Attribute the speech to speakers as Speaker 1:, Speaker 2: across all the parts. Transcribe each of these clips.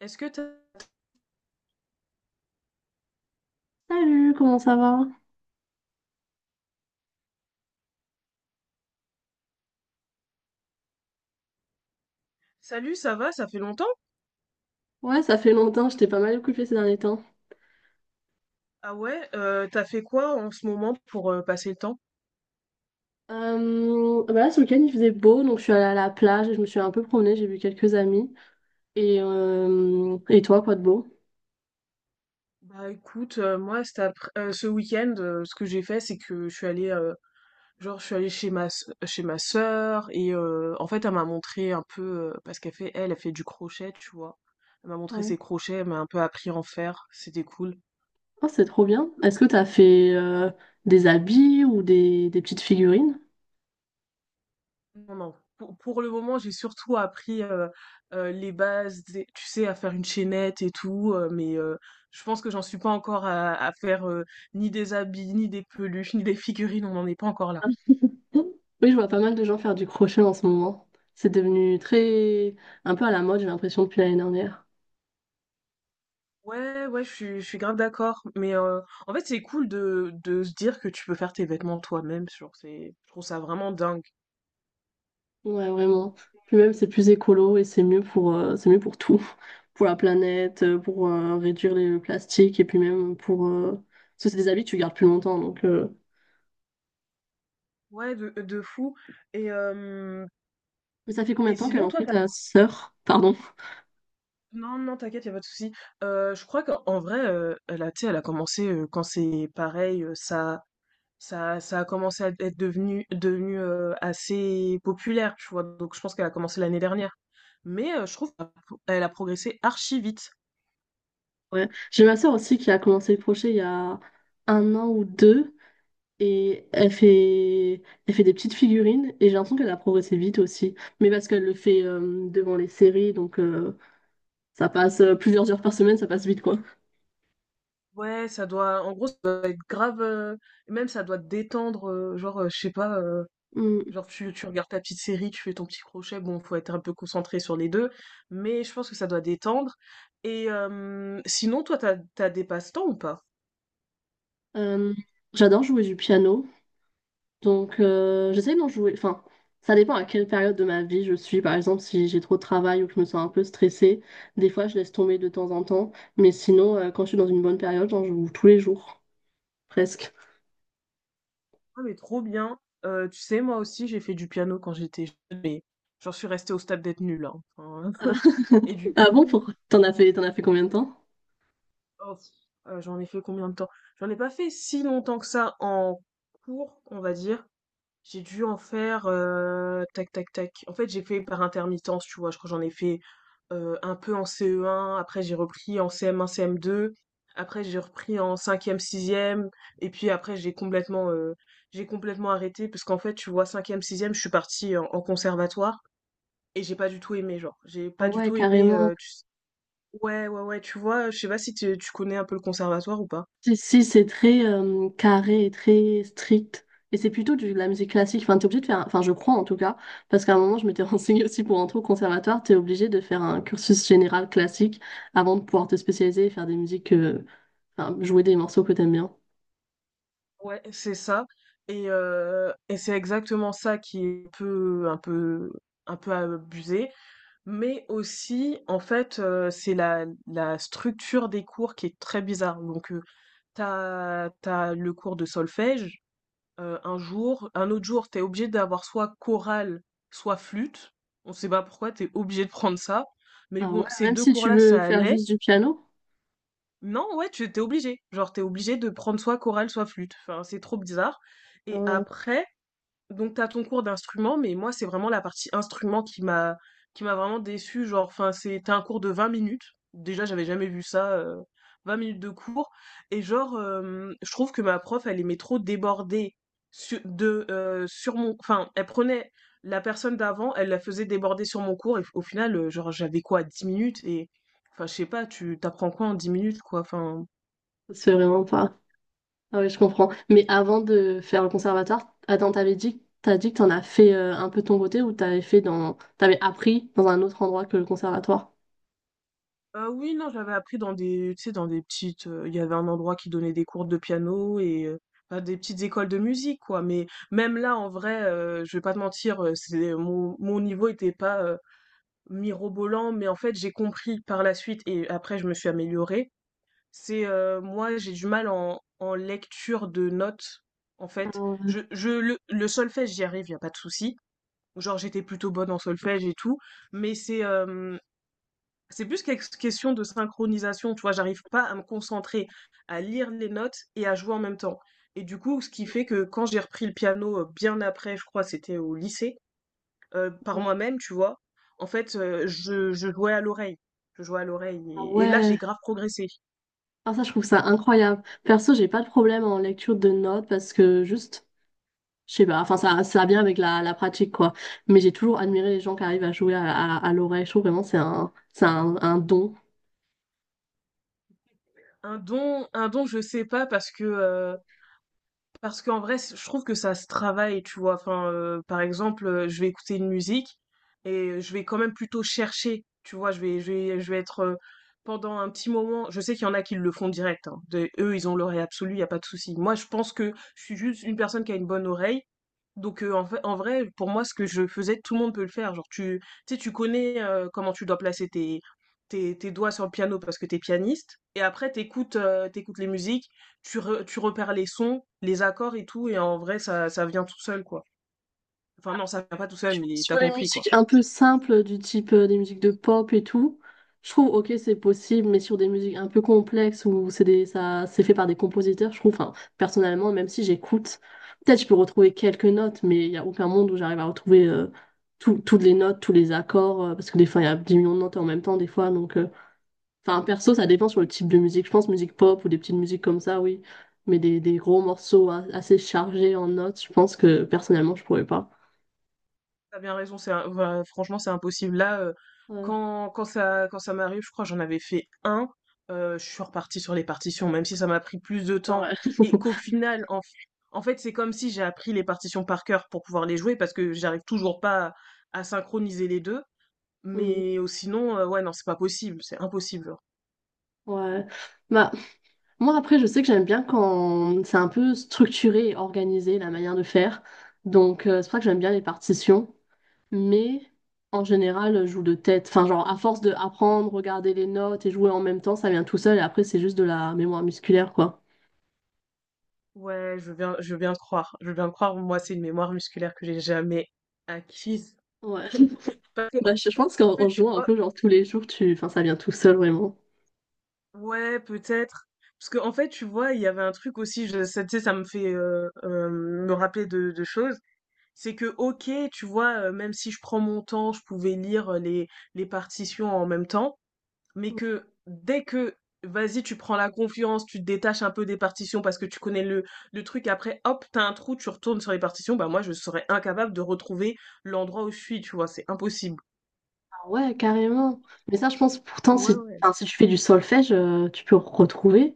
Speaker 1: Est-ce que t'as...
Speaker 2: Salut, comment ça va?
Speaker 1: Salut, ça va? Ça fait longtemps?
Speaker 2: Ouais, ça fait longtemps, j'étais pas mal occupée ces derniers temps.
Speaker 1: Ah ouais, t'as fait quoi en ce moment pour passer le temps?
Speaker 2: Bah là, ce week-end, il faisait beau, donc je suis allée à la plage et je me suis un peu promenée, j'ai vu quelques amis. Et toi, quoi de beau?
Speaker 1: Bah écoute, moi ce week-end, ce que j'ai fait, c'est que je suis allée chez ma sœur et en fait elle m'a montré un peu parce qu'elle fait du crochet, tu vois. Elle m'a montré
Speaker 2: Ouais.
Speaker 1: ses crochets, elle m'a un peu appris à en faire, c'était cool.
Speaker 2: Oh, c'est trop bien. Est-ce que t'as fait des habits ou des petites figurines?
Speaker 1: Non, non. Pour le moment, j'ai surtout appris, les bases des tu sais, à faire une chaînette et tout, mais je pense que j'en suis pas encore à faire, ni des habits, ni des peluches, ni des figurines, on n'en est pas encore là.
Speaker 2: Mm. Oui, je vois pas mal de gens faire du crochet en ce moment. C'est devenu très... un peu à la mode, j'ai l'impression, depuis l'année dernière.
Speaker 1: Ouais, ouais, je suis grave d'accord, mais en fait, c'est cool de se dire que tu peux faire tes vêtements toi-même, genre, c'est je trouve ça vraiment dingue.
Speaker 2: Ouais, vraiment. Puis même, c'est plus écolo et c'est mieux c'est mieux pour tout. Pour la planète, pour réduire le plastique et puis même pour... Parce que c'est des habits que tu gardes plus longtemps. Donc.
Speaker 1: Ouais, de fou et hem
Speaker 2: Mais ça fait combien
Speaker 1: et
Speaker 2: de temps qu'elle
Speaker 1: sinon
Speaker 2: en
Speaker 1: toi
Speaker 2: fait, ta sœur? Pardon.
Speaker 1: Non, non, t'inquiète, y a pas de souci. Je crois qu'en en vrai, elle a tu sais, elle a commencé, quand c'est pareil, ça a commencé à être assez populaire, tu vois? Donc je pense qu'elle a commencé l'année dernière. Mais, je trouve qu'elle a progressé archi vite.
Speaker 2: Ouais. J'ai ma sœur aussi qui a commencé le crochet il y a un an ou deux. Et elle fait des petites figurines et j'ai l'impression qu'elle a progressé vite aussi. Mais parce qu'elle le fait devant les séries, ça passe plusieurs heures par semaine, ça passe vite quoi.
Speaker 1: Ouais, ça doit en gros, ça doit être grave, même ça doit détendre, genre, je sais pas,
Speaker 2: Mm.
Speaker 1: genre tu regardes ta petite série, tu fais ton petit crochet, bon, faut être un peu concentré sur les deux, mais je pense que ça doit détendre. Sinon, toi, t'as des passe-temps ou pas?
Speaker 2: Euh, J'adore jouer du piano, j'essaie d'en jouer. Enfin, ça dépend à quelle période de ma vie je suis. Par exemple, si j'ai trop de travail ou que je me sens un peu stressée, des fois je laisse tomber de temps en temps. Mais sinon, quand je suis dans une bonne période, j'en joue tous les jours, presque.
Speaker 1: Ah mais trop bien. Tu sais, moi aussi, j'ai fait du piano quand j'étais jeune, mais j'en suis restée au stade d'être nulle, hein. Enfin, et du
Speaker 2: Ah bon,
Speaker 1: coup,
Speaker 2: pourquoi? T'en as fait combien de temps?
Speaker 1: oh, j'en ai fait combien de temps? J'en ai pas fait si longtemps que ça en cours, on va dire. J'ai dû en faire, tac tac tac. En fait, j'ai fait par intermittence, tu vois? Je crois que j'en ai fait, un peu en CE1, après j'ai repris en CM1, CM2, après j'ai repris en cinquième, sixième. Et puis après j'ai j'ai complètement arrêté parce qu'en fait, tu vois, cinquième, sixième, je suis partie en conservatoire et j'ai pas du tout aimé, genre. J'ai pas
Speaker 2: Ah
Speaker 1: du
Speaker 2: ouais,
Speaker 1: tout aimé,
Speaker 2: carrément.
Speaker 1: tu ouais, ouais, ouais, tu vois? Je sais pas si tu connais un peu le conservatoire ou pas?
Speaker 2: Si, si, c'est très carré et très strict. Et c'est plutôt de la musique classique. Enfin, t'es obligé de faire, enfin, je crois en tout cas, parce qu'à un moment, je m'étais renseignée aussi pour entrer au conservatoire, t'es obligé de faire un cursus général classique avant de pouvoir te spécialiser et faire enfin, jouer des morceaux que t'aimes bien.
Speaker 1: Ouais, c'est ça et c'est exactement ça qui est un peu un peu abusé, mais aussi, en fait, c'est la structure des cours qui est très bizarre. Donc, t'as as le cours de solfège, un jour, un autre jour, t'es obligé d'avoir soit chorale, soit flûte. On sait pas pourquoi, t'es obligé de prendre ça. Mais
Speaker 2: Ah ouais,
Speaker 1: bon, ces
Speaker 2: même
Speaker 1: 2
Speaker 2: si tu
Speaker 1: cours-là,
Speaker 2: veux
Speaker 1: ça
Speaker 2: faire
Speaker 1: allait.
Speaker 2: juste du piano,
Speaker 1: Non, ouais, tu étais obligé. Genre, t'es obligé de prendre soit chorale, soit flûte. Enfin, c'est trop bizarre.
Speaker 2: ah
Speaker 1: Et
Speaker 2: ouais,
Speaker 1: après, donc t'as ton cours d'instrument, mais moi c'est vraiment la partie instrument qui m'a vraiment déçue, genre enfin c'était un cours de 20 minutes. Déjà, j'avais jamais vu ça 20 minutes de cours et genre je trouve que ma prof elle aimait trop déborder sur, de sur mon enfin elle prenait la personne d'avant, elle la faisait déborder sur mon cours et au final genre j'avais quoi 10 minutes et enfin je sais pas, tu t'apprends quoi en 10 minutes quoi. Enfin...
Speaker 2: c'est vraiment pas. Ah ouais, je comprends. Mais avant de faire le conservatoire, attends, t'as dit que t'en as fait un peu de ton côté ou t'avais appris dans un autre endroit que le conservatoire?
Speaker 1: Oui, non, j'avais appris dans des tu sais, dans des petites, il y avait un endroit qui donnait des cours de piano et bah, des petites écoles de musique, quoi. Mais même là, en vrai, je vais pas te mentir, c'est mon niveau était pas, mirobolant, mais en fait, j'ai compris par la suite et après je me suis améliorée. C'est, moi, j'ai du mal en lecture de notes, en fait. Je le solfège, j'y arrive, y a pas de souci. Genre, j'étais plutôt bonne en solfège et tout, mais c'est, hem c'est plus quelque question de synchronisation, tu vois, j'arrive pas à me concentrer, à lire les notes et à jouer en même temps. Et du coup, ce qui fait que quand j'ai repris le piano bien après, je crois, c'était au lycée, par moi-même, tu vois, en fait, je jouais à l'oreille. Je jouais à l'oreille.
Speaker 2: Ah
Speaker 1: Et là, j'ai
Speaker 2: ouais,
Speaker 1: grave progressé.
Speaker 2: ah ça je trouve ça incroyable. Perso, j'ai pas de problème en lecture de notes parce que juste, je sais pas, enfin ça vient avec la pratique quoi. Mais j'ai toujours admiré les gens qui arrivent à jouer à l'oreille. Je trouve vraiment c'est un don.
Speaker 1: Un don, je sais pas, parce que parce qu'en vrai, c je trouve que ça se travaille, tu vois? Enfin, par exemple, je vais écouter une musique et je vais quand même plutôt chercher, tu vois? Je vais être, pendant un petit moment je sais qu'il y en a qui le font direct, hein. Des eux, ils ont l'oreille absolue, y a pas de souci. Moi, je pense que je suis juste une personne qui a une bonne oreille, donc en fait en vrai, pour moi, ce que je faisais, tout le monde peut le faire. Genre tu sais, tu connais, comment tu dois placer tes doigts sur le piano parce que t'es pianiste et après t'écoutes écoutes, les musiques, tu repères les sons, les accords et tout, et en vrai, ça vient tout seul, quoi. Enfin, non, ça vient pas tout seul, mais
Speaker 2: Sur
Speaker 1: t'as
Speaker 2: les
Speaker 1: compris, quoi.
Speaker 2: musiques un peu simples, du type des musiques de pop et tout, je trouve, ok, c'est possible, mais sur des musiques un peu complexes où c'est fait par des compositeurs, je trouve, enfin, personnellement, même si j'écoute, peut-être je peux retrouver quelques notes, mais il n'y a aucun monde où j'arrive à retrouver toutes les notes, tous les accords, parce que des fois, il y a 10 millions de notes en même temps, des fois, donc, enfin, perso, ça dépend sur le type de musique, je pense, musique pop ou des petites musiques comme ça, oui, mais des gros morceaux assez chargés en notes, je pense que personnellement, je pourrais pas.
Speaker 1: T'as bien raison, enfin, franchement, c'est impossible. Là,
Speaker 2: Ouais.
Speaker 1: quand ça m'arrive, je crois que j'en avais fait un, je suis repartie sur les partitions, même si ça m'a pris plus de temps,
Speaker 2: Ouais.
Speaker 1: et qu'au final, en fait, c'est comme si j'ai appris les partitions par cœur pour pouvoir les jouer, parce que j'arrive toujours pas à, à synchroniser les deux,
Speaker 2: Mm.
Speaker 1: mais sinon, ouais, non, c'est pas possible, c'est impossible.
Speaker 2: Ouais. Bah, moi, après, je sais que j'aime bien quand c'est un peu structuré et organisé la manière de faire. Donc, c'est pour ça que j'aime bien les partitions. Mais en général, je joue de tête. Enfin, genre, à force de apprendre, regarder les notes et jouer en même temps, ça vient tout seul. Et après, c'est juste de la mémoire musculaire, quoi.
Speaker 1: Ouais, je veux bien te croire. Je veux bien te croire. Moi, c'est une mémoire musculaire que j'ai jamais acquise.
Speaker 2: Ouais.
Speaker 1: Parce que,
Speaker 2: Bah, je pense
Speaker 1: en
Speaker 2: qu'en
Speaker 1: fait,
Speaker 2: en
Speaker 1: tu
Speaker 2: jouant un
Speaker 1: vois,
Speaker 2: peu, genre, tous les jours, tu... enfin, ça vient tout seul, vraiment.
Speaker 1: ouais, peut-être. Parce que, en fait, tu vois, il y avait un truc aussi, tu sais, ça me fait me rappeler de choses. C'est que, ok, tu vois, même si je prends mon temps, je pouvais lire les partitions en même temps. Mais que dès que tu prends la confiance, tu te détaches un peu des partitions parce que tu connais le truc, après hop, t'as un trou, tu retournes sur les partitions, bah moi je serais incapable de retrouver l'endroit où je suis, tu vois, c'est impossible.
Speaker 2: Ah ouais, carrément. Mais ça, je pense pourtant,
Speaker 1: Ouais,
Speaker 2: si,
Speaker 1: ouais.
Speaker 2: enfin, si tu fais du solfège, tu peux retrouver.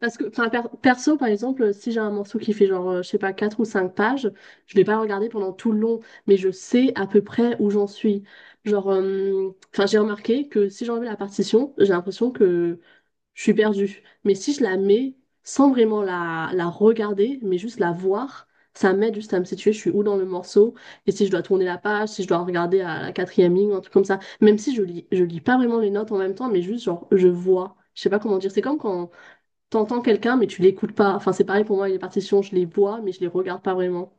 Speaker 2: Parce que, enfin, perso, par exemple, si j'ai un morceau qui fait genre, je sais pas, 4 ou 5 pages, je vais pas le regarder pendant tout le long, mais je sais à peu près où j'en suis. Enfin, j'ai remarqué que si j'enlève la partition, j'ai l'impression que je suis perdue. Mais si je la mets sans vraiment la regarder, mais juste la voir, ça m'aide juste à me situer, je suis où dans le morceau, et si je dois tourner la page, si je dois regarder à la quatrième ligne, un truc comme ça. Même si je lis, je lis pas vraiment les notes en même temps, mais juste genre, je vois. Je sais pas comment dire. C'est comme quand t'entends quelqu'un, mais tu l'écoutes pas. Enfin, c'est pareil pour moi, les partitions, je les vois, mais je les regarde pas vraiment.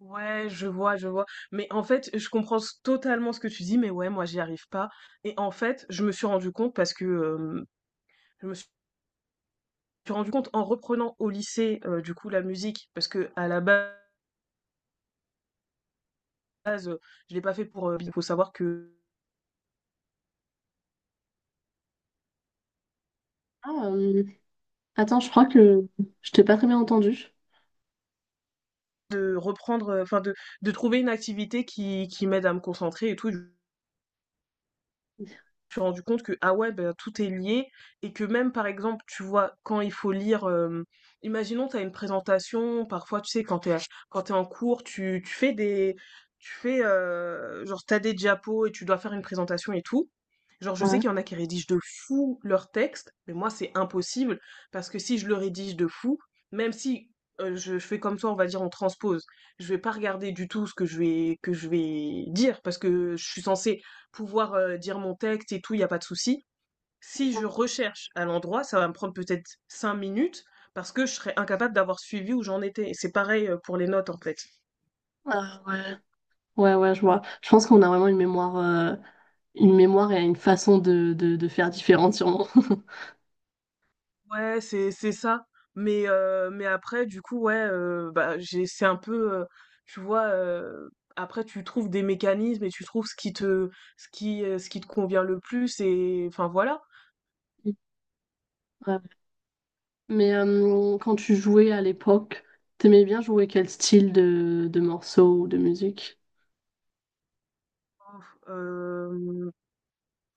Speaker 1: Ouais, je vois, je vois. Mais en fait, totalement ce que tu dis, mais ouais, moi, j'y arrive pas. Et en fait, je me suis rendu compte en reprenant au lycée, du coup, la musique, parce que à la base, euh, je l'ai pas fait pour. Il faut savoir que
Speaker 2: Ah, euh, Attends, je crois que je t'ai pas très bien entendu.
Speaker 1: enfin de trouver une activité qui m'aide à me concentrer et tout suis rendu compte que, ah ouais, ben, tout est lié et que même, par exemple, tu vois, quand il faut lire, imaginons, tu as une présentation, parfois, tu sais, quand tu es, quand tu en cours, tu fais, genre, t'as des diapos et tu dois faire une présentation et tout. Genre, je sais
Speaker 2: Ouais.
Speaker 1: qu'il y en a qui rédigent de fou leur texte, mais moi, c'est impossible parce que si je le rédige de fou, même si je fais comme toi, on va dire, on transpose, je vais pas regarder du tout ce que je vais dire parce que je suis censée pouvoir dire mon texte et tout, il n'y a pas de souci. Si je recherche à l'endroit, ça va me prendre peut-être cinq minutes parce que je serais incapable d'avoir suivi où j'en étais. Et c'est pareil pour les notes en fait.
Speaker 2: Ah, ouais. Ouais, ouais, je vois. Je pense qu'on a vraiment une mémoire et une façon de faire différente, sûrement.
Speaker 1: Ouais, c'est ça. Mais après, du coup, ouais, bah j'ai c'est un peu, tu vois. Après, tu trouves des mécanismes et tu trouves ce qui te convient le plus et enfin voilà.
Speaker 2: Ouais. Mais quand tu jouais à l'époque, t'aimais bien jouer quel style de morceaux ou de musique?
Speaker 1: Euh,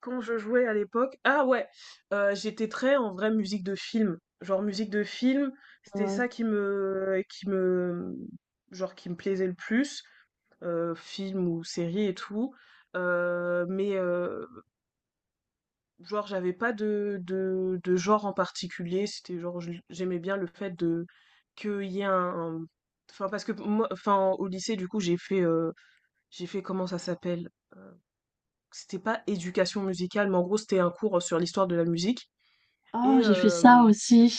Speaker 1: quand je jouais à l'époque, ah ouais, j'étais très en vrai musique de film. Genre musique de film, c'était
Speaker 2: Ouais.
Speaker 1: ça qui me genre qui me plaisait le plus, film ou série et tout. Heu, mais, heu, genre j'avais pas de genre en particulier, c'était genre je j'aimais bien le fait de qu'il y ait un enfin parce que moi enfin au lycée du coup j'ai fait comment ça s'appelle? Heu, c'était pas éducation musicale, mais en gros c'était un cours sur l'histoire de la musique.
Speaker 2: Oh,
Speaker 1: Et
Speaker 2: j'ai fait ça
Speaker 1: hem
Speaker 2: aussi.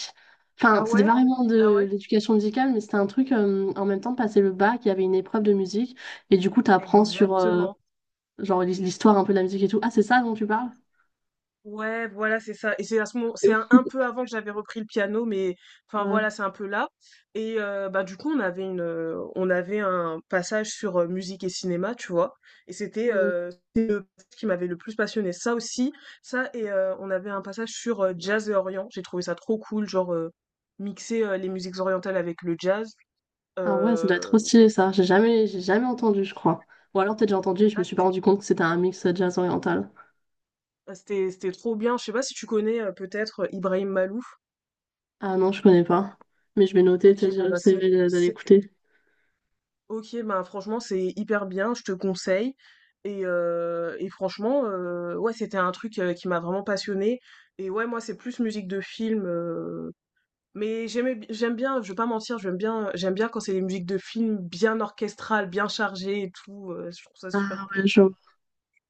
Speaker 1: ah
Speaker 2: Enfin, c'était pas
Speaker 1: ouais?
Speaker 2: vraiment
Speaker 1: Ah
Speaker 2: de
Speaker 1: ouais?
Speaker 2: l'éducation musicale, mais c'était un truc, en même temps de passer le bac, il y avait une épreuve de musique, et du coup, t'apprends sur,
Speaker 1: Exactement.
Speaker 2: genre, l'histoire un peu de la musique et tout. Ah, c'est ça dont tu parles?
Speaker 1: Ouais, voilà, c'est ça et c'est à ce moment
Speaker 2: C'est
Speaker 1: c'est
Speaker 2: ouf.
Speaker 1: un peu avant que j'avais repris le piano mais enfin,
Speaker 2: Ouais.
Speaker 1: voilà, c'est un peu là et bah, du coup, on avait un passage sur, musique et cinéma, tu vois? Et c'était,
Speaker 2: Mm.
Speaker 1: c'était le ce qui m'avait le plus passionné. Ça aussi, ça et on avait un passage sur, jazz et orient. J'ai trouvé ça trop cool, genre, mixer, les musiques orientales avec le jazz,
Speaker 2: Ah ouais, ça doit être trop
Speaker 1: heu,
Speaker 2: stylé, ça. J'ai jamais entendu, je crois. Ou alors peut-être j'ai entendu et je me
Speaker 1: ah,
Speaker 2: suis pas rendu compte que c'était un mix jazz oriental.
Speaker 1: ah, c'était, c'était trop bien. Je sais pas si tu connais peut-être Ibrahim Malouf.
Speaker 2: Ah non, je connais pas. Mais je vais noter,
Speaker 1: Ok,
Speaker 2: peut-être je j'essaierai d'aller écouter.
Speaker 1: bah franchement c'est hyper bien. Je te conseille. Et franchement, ouais, c'était un truc qui m'a vraiment passionnée. Et ouais, moi c'est plus musique de film. J'aime bien. Je vais pas mentir, j'aime bien quand c'est des musiques de film bien orchestrales, bien chargées et tout. Je trouve ça super
Speaker 2: Ah
Speaker 1: cool.
Speaker 2: ouais, je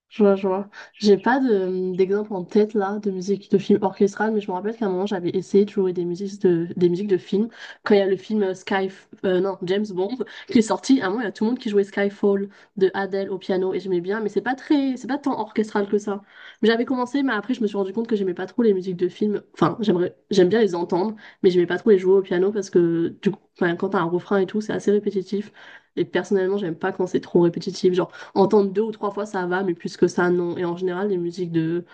Speaker 2: Je vois, je vois. J'ai pas d'exemple en tête là de musique de film orchestral, mais je me rappelle qu'à un moment j'avais essayé de jouer des musiques de films. Quand il y a le film non, James Bond qui est sorti, à un moment il y a tout le monde qui jouait Skyfall de Adele au piano et j'aimais bien, mais c'est pas très, c'est pas tant orchestral que ça. Mais j'avais commencé, mais après je me suis rendu compte que j'aimais pas trop les musiques de films. Enfin, j'aimerais, j'aime bien les entendre, mais j'aimais pas trop les jouer au piano parce que du coup, enfin, quand t'as un refrain et tout, c'est assez répétitif. Et personnellement, j'aime pas quand c'est trop répétitif. Genre, entendre deux ou trois fois, ça va, mais plus que ça, non. Et en général, les musiques de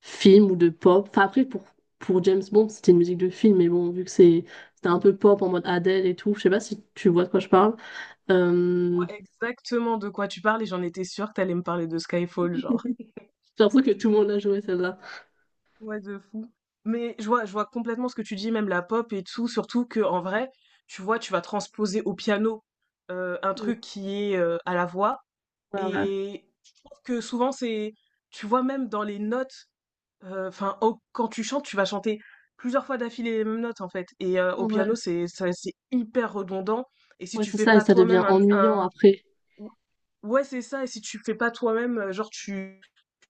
Speaker 2: films ou de pop. Enfin, après, pour James Bond, c'était une musique de film, mais bon, vu que c'était un peu pop en mode Adele et tout, je sais pas si tu vois de quoi je parle.
Speaker 1: Je
Speaker 2: Euh,
Speaker 1: vois exactement de quoi tu parles et j'en étais sûre que t'allais me parler de Skyfall, genre.
Speaker 2: J'ai l'impression que tout le monde l'a joué, celle-là.
Speaker 1: Ouais, de fou. Mais je vois complètement ce que tu dis, même la pop et tout, surtout que en vrai, tu vois, tu vas transposer au piano un
Speaker 2: Ouais,
Speaker 1: truc qui est à la voix.
Speaker 2: ouais,
Speaker 1: Et je trouve que souvent, tu vois, même dans les notes, enfin, quand tu chantes, tu vas chanter plusieurs fois d'affilée les mêmes notes, en fait. Et au piano,
Speaker 2: ouais,
Speaker 1: c'est hyper redondant. Et si
Speaker 2: ouais,
Speaker 1: tu
Speaker 2: c'est
Speaker 1: fais
Speaker 2: ça, et
Speaker 1: pas
Speaker 2: ça devient
Speaker 1: toi-même
Speaker 2: ennuyant
Speaker 1: un,
Speaker 2: après.
Speaker 1: ou ouais, c'est ça et si tu fais pas toi-même, genre tu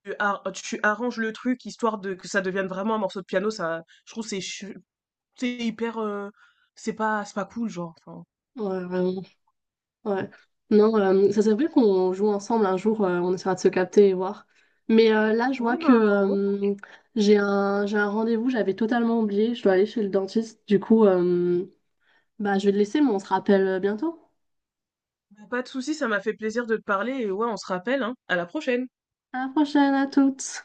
Speaker 1: tu ar tu arranges le truc histoire de que ça devienne vraiment un morceau de piano, ça je trouve c'est hyper, c'est pas cool genre, enfin.
Speaker 2: Ouais, vraiment. Ouais. Non, ça serait bien qu'on joue ensemble un jour, on essaiera de se capter et voir. Mais là, je vois
Speaker 1: Ouais, ben,
Speaker 2: que
Speaker 1: ouais,
Speaker 2: j'ai un rendez-vous, j'avais totalement oublié, je dois aller chez le dentiste. Du coup, bah, je vais te laisser, mais on se rappelle bientôt.
Speaker 1: bah, pas de souci, ça m'a fait plaisir de te parler et ouais, on se rappelle, hein. À la prochaine.
Speaker 2: À la prochaine, à toutes!